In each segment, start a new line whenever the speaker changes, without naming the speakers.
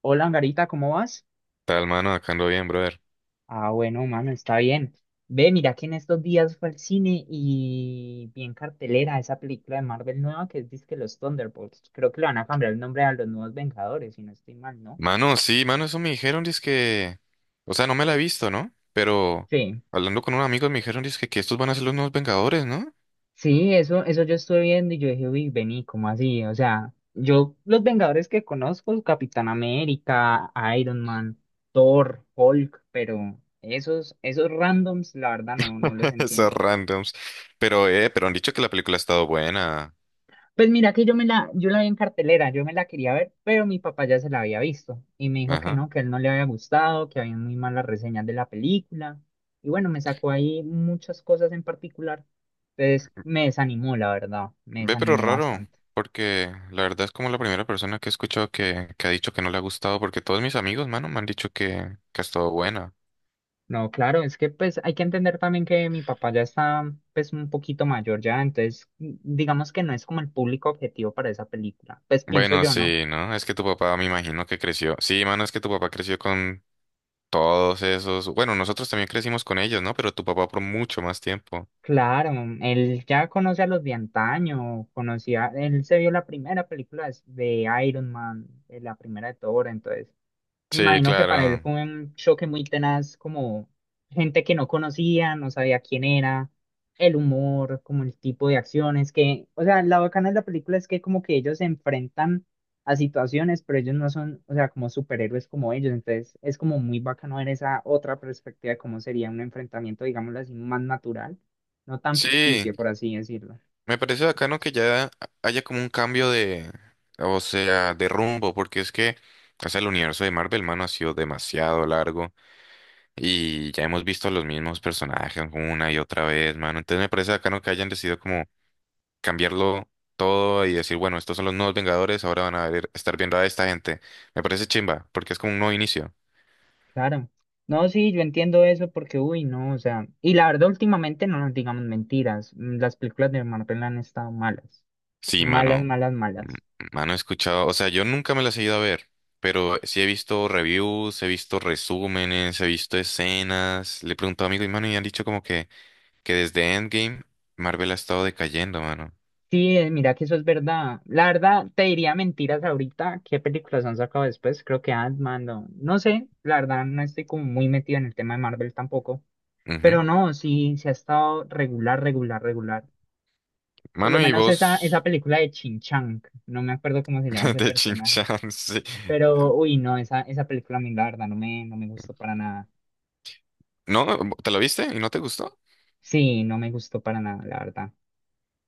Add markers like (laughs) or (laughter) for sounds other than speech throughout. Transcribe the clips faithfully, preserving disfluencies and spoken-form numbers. Hola, Angarita, ¿cómo vas?
Tal, mano, acá ando bien, brother.
Ah, bueno, mano, está bien. Ve, mira que en estos días fue al cine y vi en cartelera esa película de Marvel nueva que es que Los Thunderbolts. Creo que le van a cambiar el nombre a los nuevos Vengadores, si no estoy mal, ¿no?
Mano, sí, mano, eso me dijeron, que... O sea, no me la he visto, ¿no? Pero
Sí,
hablando con unos amigos me dijeron, dizque, que estos van a ser los nuevos Vengadores, ¿no?
sí, eso, eso yo estuve viendo y yo dije, uy, vení, ¿cómo así? O sea, yo los Vengadores que conozco, Capitán América, Iron Man, Thor, Hulk, pero esos, esos randoms, la verdad, no, no los
(laughs) Esos
entiendo.
randoms. Pero, eh, pero han dicho que la película ha estado buena.
Pues mira que yo me la, yo la vi en cartelera, yo me la quería ver, pero mi papá ya se la había visto y me dijo que
Ajá.
no, que a él no le había gustado, que había muy malas reseñas de la película. Y bueno, me sacó ahí muchas cosas en particular. Entonces me desanimó, la verdad, me
Ve, pero
desanimó
raro,
bastante.
porque la verdad es como la primera persona que he escuchado que, que ha dicho que no le ha gustado, porque todos mis amigos, mano, me han dicho que, que ha estado buena.
No, claro, es que pues hay que entender también que mi papá ya está pues un poquito mayor ya, entonces mm, digamos que no es como el público objetivo para esa película. Pues pienso
Bueno,
yo, ¿no?
sí, ¿no? Es que tu papá me imagino que creció. Sí, mano, es que tu papá creció con todos esos, bueno, nosotros también crecimos con ellos, ¿no? Pero tu papá por mucho más tiempo.
Claro, él ya conoce a los de antaño, conocía, él se vio la primera película de de Iron Man, eh, la primera de Thor, entonces me
Sí,
imagino que para él
claro.
fue un choque muy tenaz, como gente que no conocía, no sabía quién era, el humor, como el tipo de acciones que, o sea, la bacana de la película es que como que ellos se enfrentan a situaciones, pero ellos no son, o sea, como superhéroes como ellos, entonces es como muy bacano ver esa otra perspectiva de cómo sería un enfrentamiento, digámoslo así, más natural, no tan
Sí,
ficticio, por así decirlo.
me parece bacano que ya haya como un cambio de, o sea, de rumbo, porque es que, o sea, el universo de Marvel, mano, ha sido demasiado largo y ya hemos visto los mismos personajes una y otra vez, mano. Entonces me parece bacano que hayan decidido como cambiarlo todo y decir, bueno, estos son los nuevos Vengadores, ahora van a ver- estar viendo a esta gente. Me parece chimba, porque es como un nuevo inicio.
Claro. No, sí, yo entiendo eso porque, uy, no, o sea, y la verdad, últimamente no nos digamos mentiras, mm, las películas de Marvel han estado malas,
Sí,
malas,
mano.
malas,
M-
malas.
Mano, he escuchado, o sea, yo nunca me las he ido a ver, pero sí he visto reviews, he visto resúmenes, he visto escenas. Le he preguntado a amigos y mano, y han dicho como que, que desde Endgame Marvel ha estado decayendo, mano.
Sí, eh, mira que eso es verdad. La verdad, te diría mentiras ahorita, qué películas han sacado después, creo que Ant-Man, no, no sé, la verdad, no estoy como muy metido en el tema de Marvel tampoco,
Ujú.
pero no, sí, se ha estado regular, regular, regular. Por lo
Mano, y
menos esa, esa
vos
película de Chin Chang, no me acuerdo cómo se llama
(laughs)
ese
de
personaje.
Chinchan, sí.
Pero, uy, no, esa, esa película a mí, la verdad, no me, no me gustó para nada.
¿No? ¿Te lo viste y no te gustó?
Sí, no me gustó para nada, la verdad.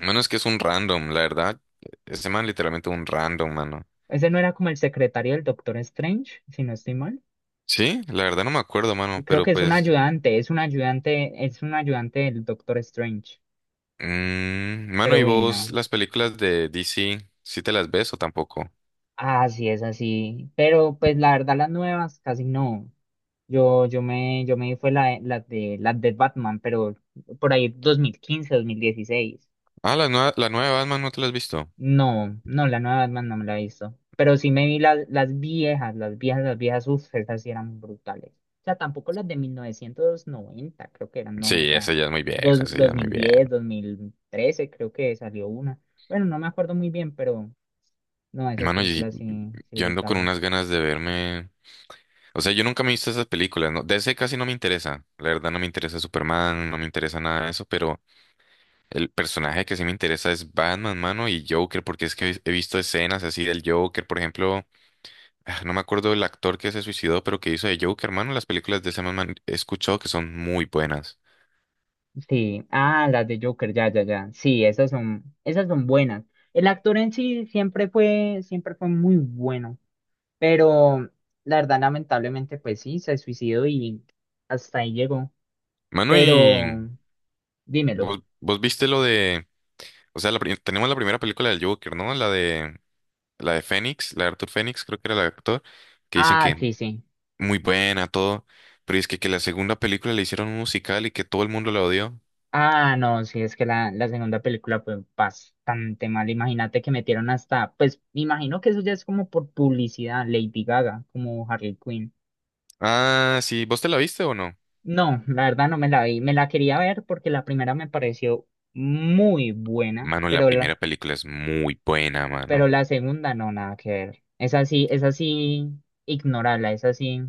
Mano, es que es un random, la verdad. e-, Ese man literalmente un random, mano.
Ese no era como el secretario del Doctor Strange, si no estoy mal.
Sí, la verdad no me acuerdo, mano,
Creo
pero
que es un
pues
ayudante, es un ayudante, es un ayudante del Doctor Strange.
mm, mano,
Pero,
¿y
uy,
vos
no.
las películas de D C, sí te las ves o tampoco?
Ah, sí, es así. Pero, pues, la verdad, las nuevas casi no. Yo, yo me, yo me di fue la, la de, la de Batman, pero por ahí dos mil quince, dos mil dieciséis.
Ah, la nueva, la nueva de Batman no te las has visto.
No, no, la nueva Batman no me la he visto. Pero sí me vi las, las viejas, las viejas, las viejas, uff, esas sí eran brutales. O sea, tampoco las de mil novecientos noventa creo que eran, no, o
Sí,
sea,
esa ya es muy
dos,
vieja,
dos
esa ya
dos
es muy
mil
vieja.
diez dos mil trece creo que salió una. Bueno, no me acuerdo muy bien, pero no, esas
Mano, y-
películas sí, sí
yo ando con
brutales.
unas ganas de verme. O sea, yo nunca me he visto esas películas, ¿no? D C casi no me interesa. La verdad no me interesa Superman, no me interesa nada de eso, pero el personaje que sí me interesa es Batman, mano, y Joker, porque es que he visto escenas así del Joker, por ejemplo. Ah, no me acuerdo el actor que se suicidó, pero que hizo de Joker, mano. Las películas de ese man man, he escuchado que son muy buenas.
Sí, ah, las de Joker, ya, ya, ya. Sí, esas son, esas son buenas. El actor en sí siempre fue, siempre fue muy bueno. Pero la verdad, lamentablemente, pues sí, se suicidó y hasta ahí llegó.
Manu,
Pero
y
dímelo.
vos, vos viste lo de, o sea, la pri- tenemos la primera película del Joker, ¿no? La de, la de Fénix, la de Arthur Fénix, creo que era el actor, que dicen
Ah,
que
sí, sí.
muy buena, todo, pero es que, que la segunda película le hicieron un musical y que todo el mundo la odió.
Ah, no, sí, es que la, la segunda película fue bastante mal. Imagínate que metieron hasta, pues me imagino que eso ya es como por publicidad, Lady Gaga, como Harley Quinn.
Ah, sí, ¿vos te la viste o no?
No, la verdad no me la vi. Me la quería ver porque la primera me pareció muy buena,
Manu, la
pero la,
primera película es muy buena,
pero
mano.
la segunda no, nada que ver. Es así, es así, ignorarla, es así.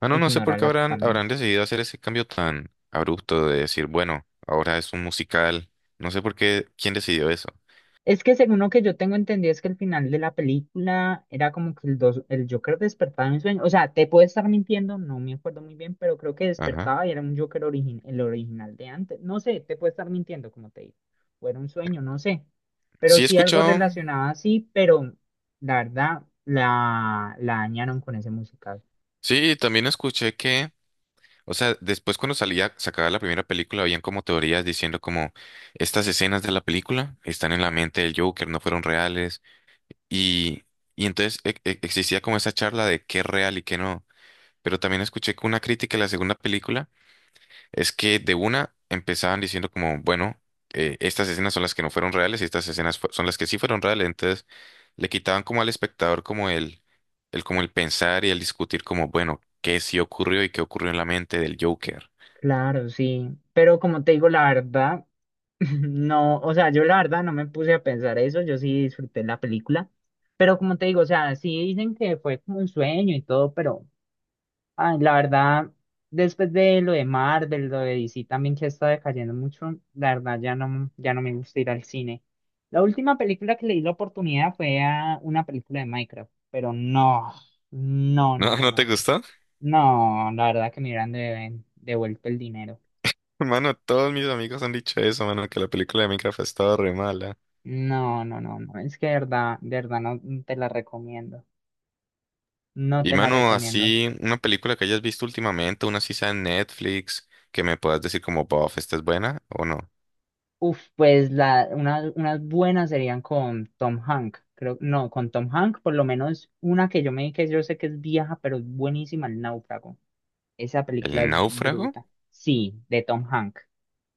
Mano, no no sé por qué
Ignórala
habrán, habrán
totalmente.
decidido hacer ese cambio tan abrupto de decir, bueno, ahora es un musical. No sé por qué, quién decidió eso.
Es que según lo que yo tengo entendido es que el final de la película era como que el, dos, el Joker despertaba en sueño. O sea, te puedo estar mintiendo, no me acuerdo muy bien, pero creo que
Ajá.
despertaba y era un Joker origin, el original de antes. No sé, te puedo estar mintiendo, como te digo. O era un sueño, no sé. Pero
Sí he
sí algo
escuchado.
relacionado así, pero la verdad la, la dañaron con ese musical.
Sí, también escuché que, o sea, después cuando salía, sacaba la primera película, habían como teorías diciendo como estas escenas de la película están en la mente del Joker, no fueron reales. Y, y entonces e- e- existía como esa charla de qué es real y qué no. Pero también escuché que una crítica de la segunda película es que de una empezaban diciendo como, bueno, eh, estas escenas son las que no fueron reales y estas escenas fu- son las que sí fueron reales. Entonces le quitaban como al espectador como el, el como el pensar y el discutir como, bueno, qué sí ocurrió y qué ocurrió en la mente del Joker.
Claro, sí. Pero como te digo, la verdad. No, o sea, yo la verdad no me puse a pensar eso, yo sí disfruté la película, pero como te digo, o sea, sí dicen que fue como un sueño y todo, pero ay, la verdad, después de lo de Marvel lo de D C también que está decayendo mucho, la verdad ya no, ya no me gusta ir al cine. La última película que le di la oportunidad fue a una película de Minecraft, pero no,
(laughs)
no, no,
¿No,
no,
no te
no,
gustó?
no, la verdad que me hubieran de- devuelto el dinero.
(laughs) Mano, todos mis amigos han dicho eso, mano, que la película de Minecraft ha estado re mala.
No, no, no, no. Es que de verdad, de verdad, no no te la recomiendo. No
Y
te la
mano,
recomiendo.
así, una película que hayas visto últimamente, una así sea en Netflix, que me puedas decir como, bof, esta es buena o no.
Uf, pues la, una- unas buenas serían con Tom Hank. Creo, no, con Tom Hank, por lo menos una que yo me vi que yo sé que es vieja, pero es buenísima, El Náufrago. Esa película
¿El
es
náufrago?
bruta. Sí, de Tom Hank.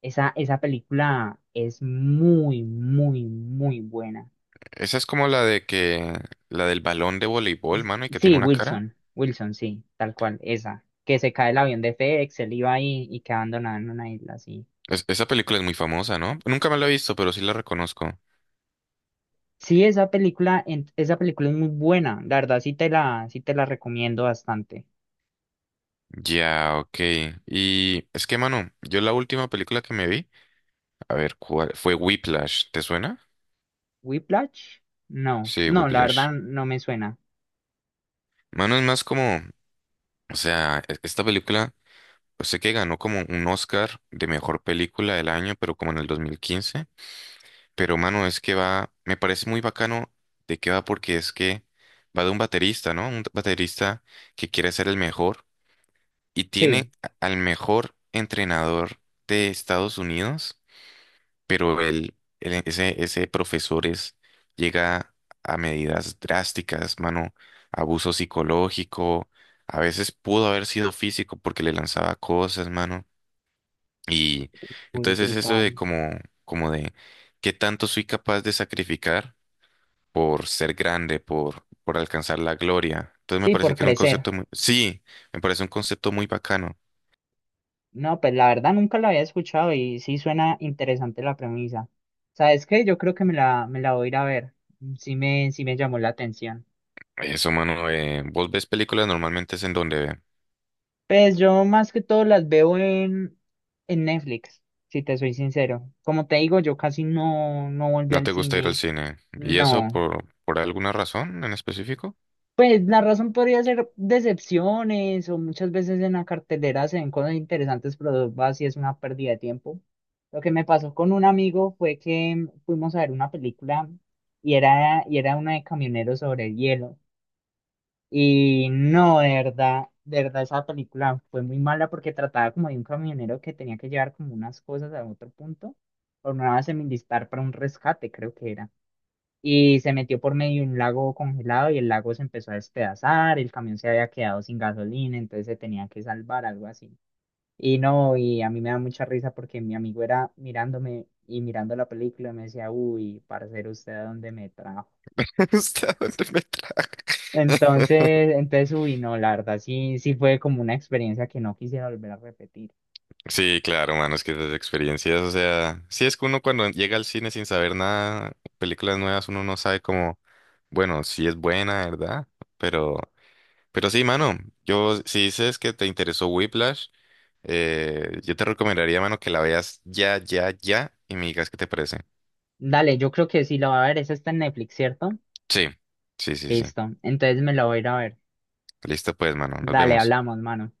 Esa, esa película es muy, muy, muy buena.
Esa es como la de que, la del balón de voleibol,
Es-
mano, y que tiene
Sí,
una cara.
Wilson, Wilson, sí, tal cual, esa, que se cae el avión de FedEx, él iba ahí y queda abandonado en una isla, sí.
Es- esa película es muy famosa, ¿no? Nunca me la he visto, pero sí la reconozco.
Sí, esa película, en- esa película es muy buena, la verdad sí te la, sí te la recomiendo bastante.
Ya, ok. Y es que, mano, yo la última película que me vi, a ver, ¿cuál? Fue Whiplash, ¿te suena?
¿Whiplash? No,
Sí,
no, la
Whiplash.
verdad no me suena.
Mano, es más como, o sea, e- esta película, yo sé que ganó como un Oscar de mejor película del año, pero como en el dos mil quince. Pero, mano, es que va, me parece muy bacano de qué va porque es que va de un baterista, ¿no? Un baterista que quiere ser el mejor y tiene
Sí,
a- al mejor entrenador de Estados Unidos, pero el, el- ese, ese profesor es, llega a medidas drásticas, mano, abuso psicológico, a veces pudo haber sido físico porque le lanzaba cosas, mano. Y
muy
entonces es eso de
brutal.
como, como de qué tanto soy capaz de sacrificar por ser grande, por, por alcanzar la gloria. Entonces me
Sí,
parece
por
que es un
crecer.
concepto muy, sí, me parece un concepto muy bacano.
No, pues la verdad nunca la había escuchado y sí suena interesante la premisa. ¿Sabes qué? Yo creo que me la, me la voy a ir a ver. Sí me, sí me llamó la atención.
Eso, mano, eh, vos ves películas normalmente es en donde
Pues yo más que todo las veo en, en Netflix, si te soy sincero. Como te digo, yo casi no, no volví
no
al
te gusta ir al
cine.
cine. ¿Y eso
No.
por, por alguna razón en específico?
Pues la razón podría ser decepciones o muchas veces en la cartelera se ven cosas interesantes, pero así es una pérdida de tiempo. Lo que me pasó con un amigo fue que fuimos a ver una película y era, y era una de camioneros sobre el hielo. Y no, de verdad, de verdad esa película fue muy mala porque trataba como de un camionero que tenía que llevar como unas cosas a otro punto, o una semidistar para un rescate, creo que era. Y se metió por medio de un lago congelado y el lago se empezó a despedazar, el camión se había quedado sin gasolina, entonces se tenía que salvar, algo así. Y no, y a mí me da mucha risa porque mi amigo era mirándome y mirando la película y me decía, uy, parcero, ¿usted a dónde me trajo?
(laughs) ¿Hasta dónde me trae?
Entonces, entonces, uy, no, la verdad, sí, sí fue como una experiencia que no quisiera volver a repetir.
Sí, claro, mano, es que esas experiencias, o sea, sí es que uno cuando llega al cine sin saber nada, películas nuevas, uno no sabe cómo, bueno, si es buena, ¿verdad? Pero, pero sí, mano, yo, si dices que te interesó Whiplash, eh, yo te recomendaría, mano, que la veas ya, ya, ya y me digas qué te parece.
Dale, yo creo que sí la va a ver, esa está en Netflix, ¿cierto?
Sí, sí, sí, sí.
Listo, entonces me la voy a ir a ver.
Listo, pues, mano. Nos
Dale,
vemos.
hablamos, mano.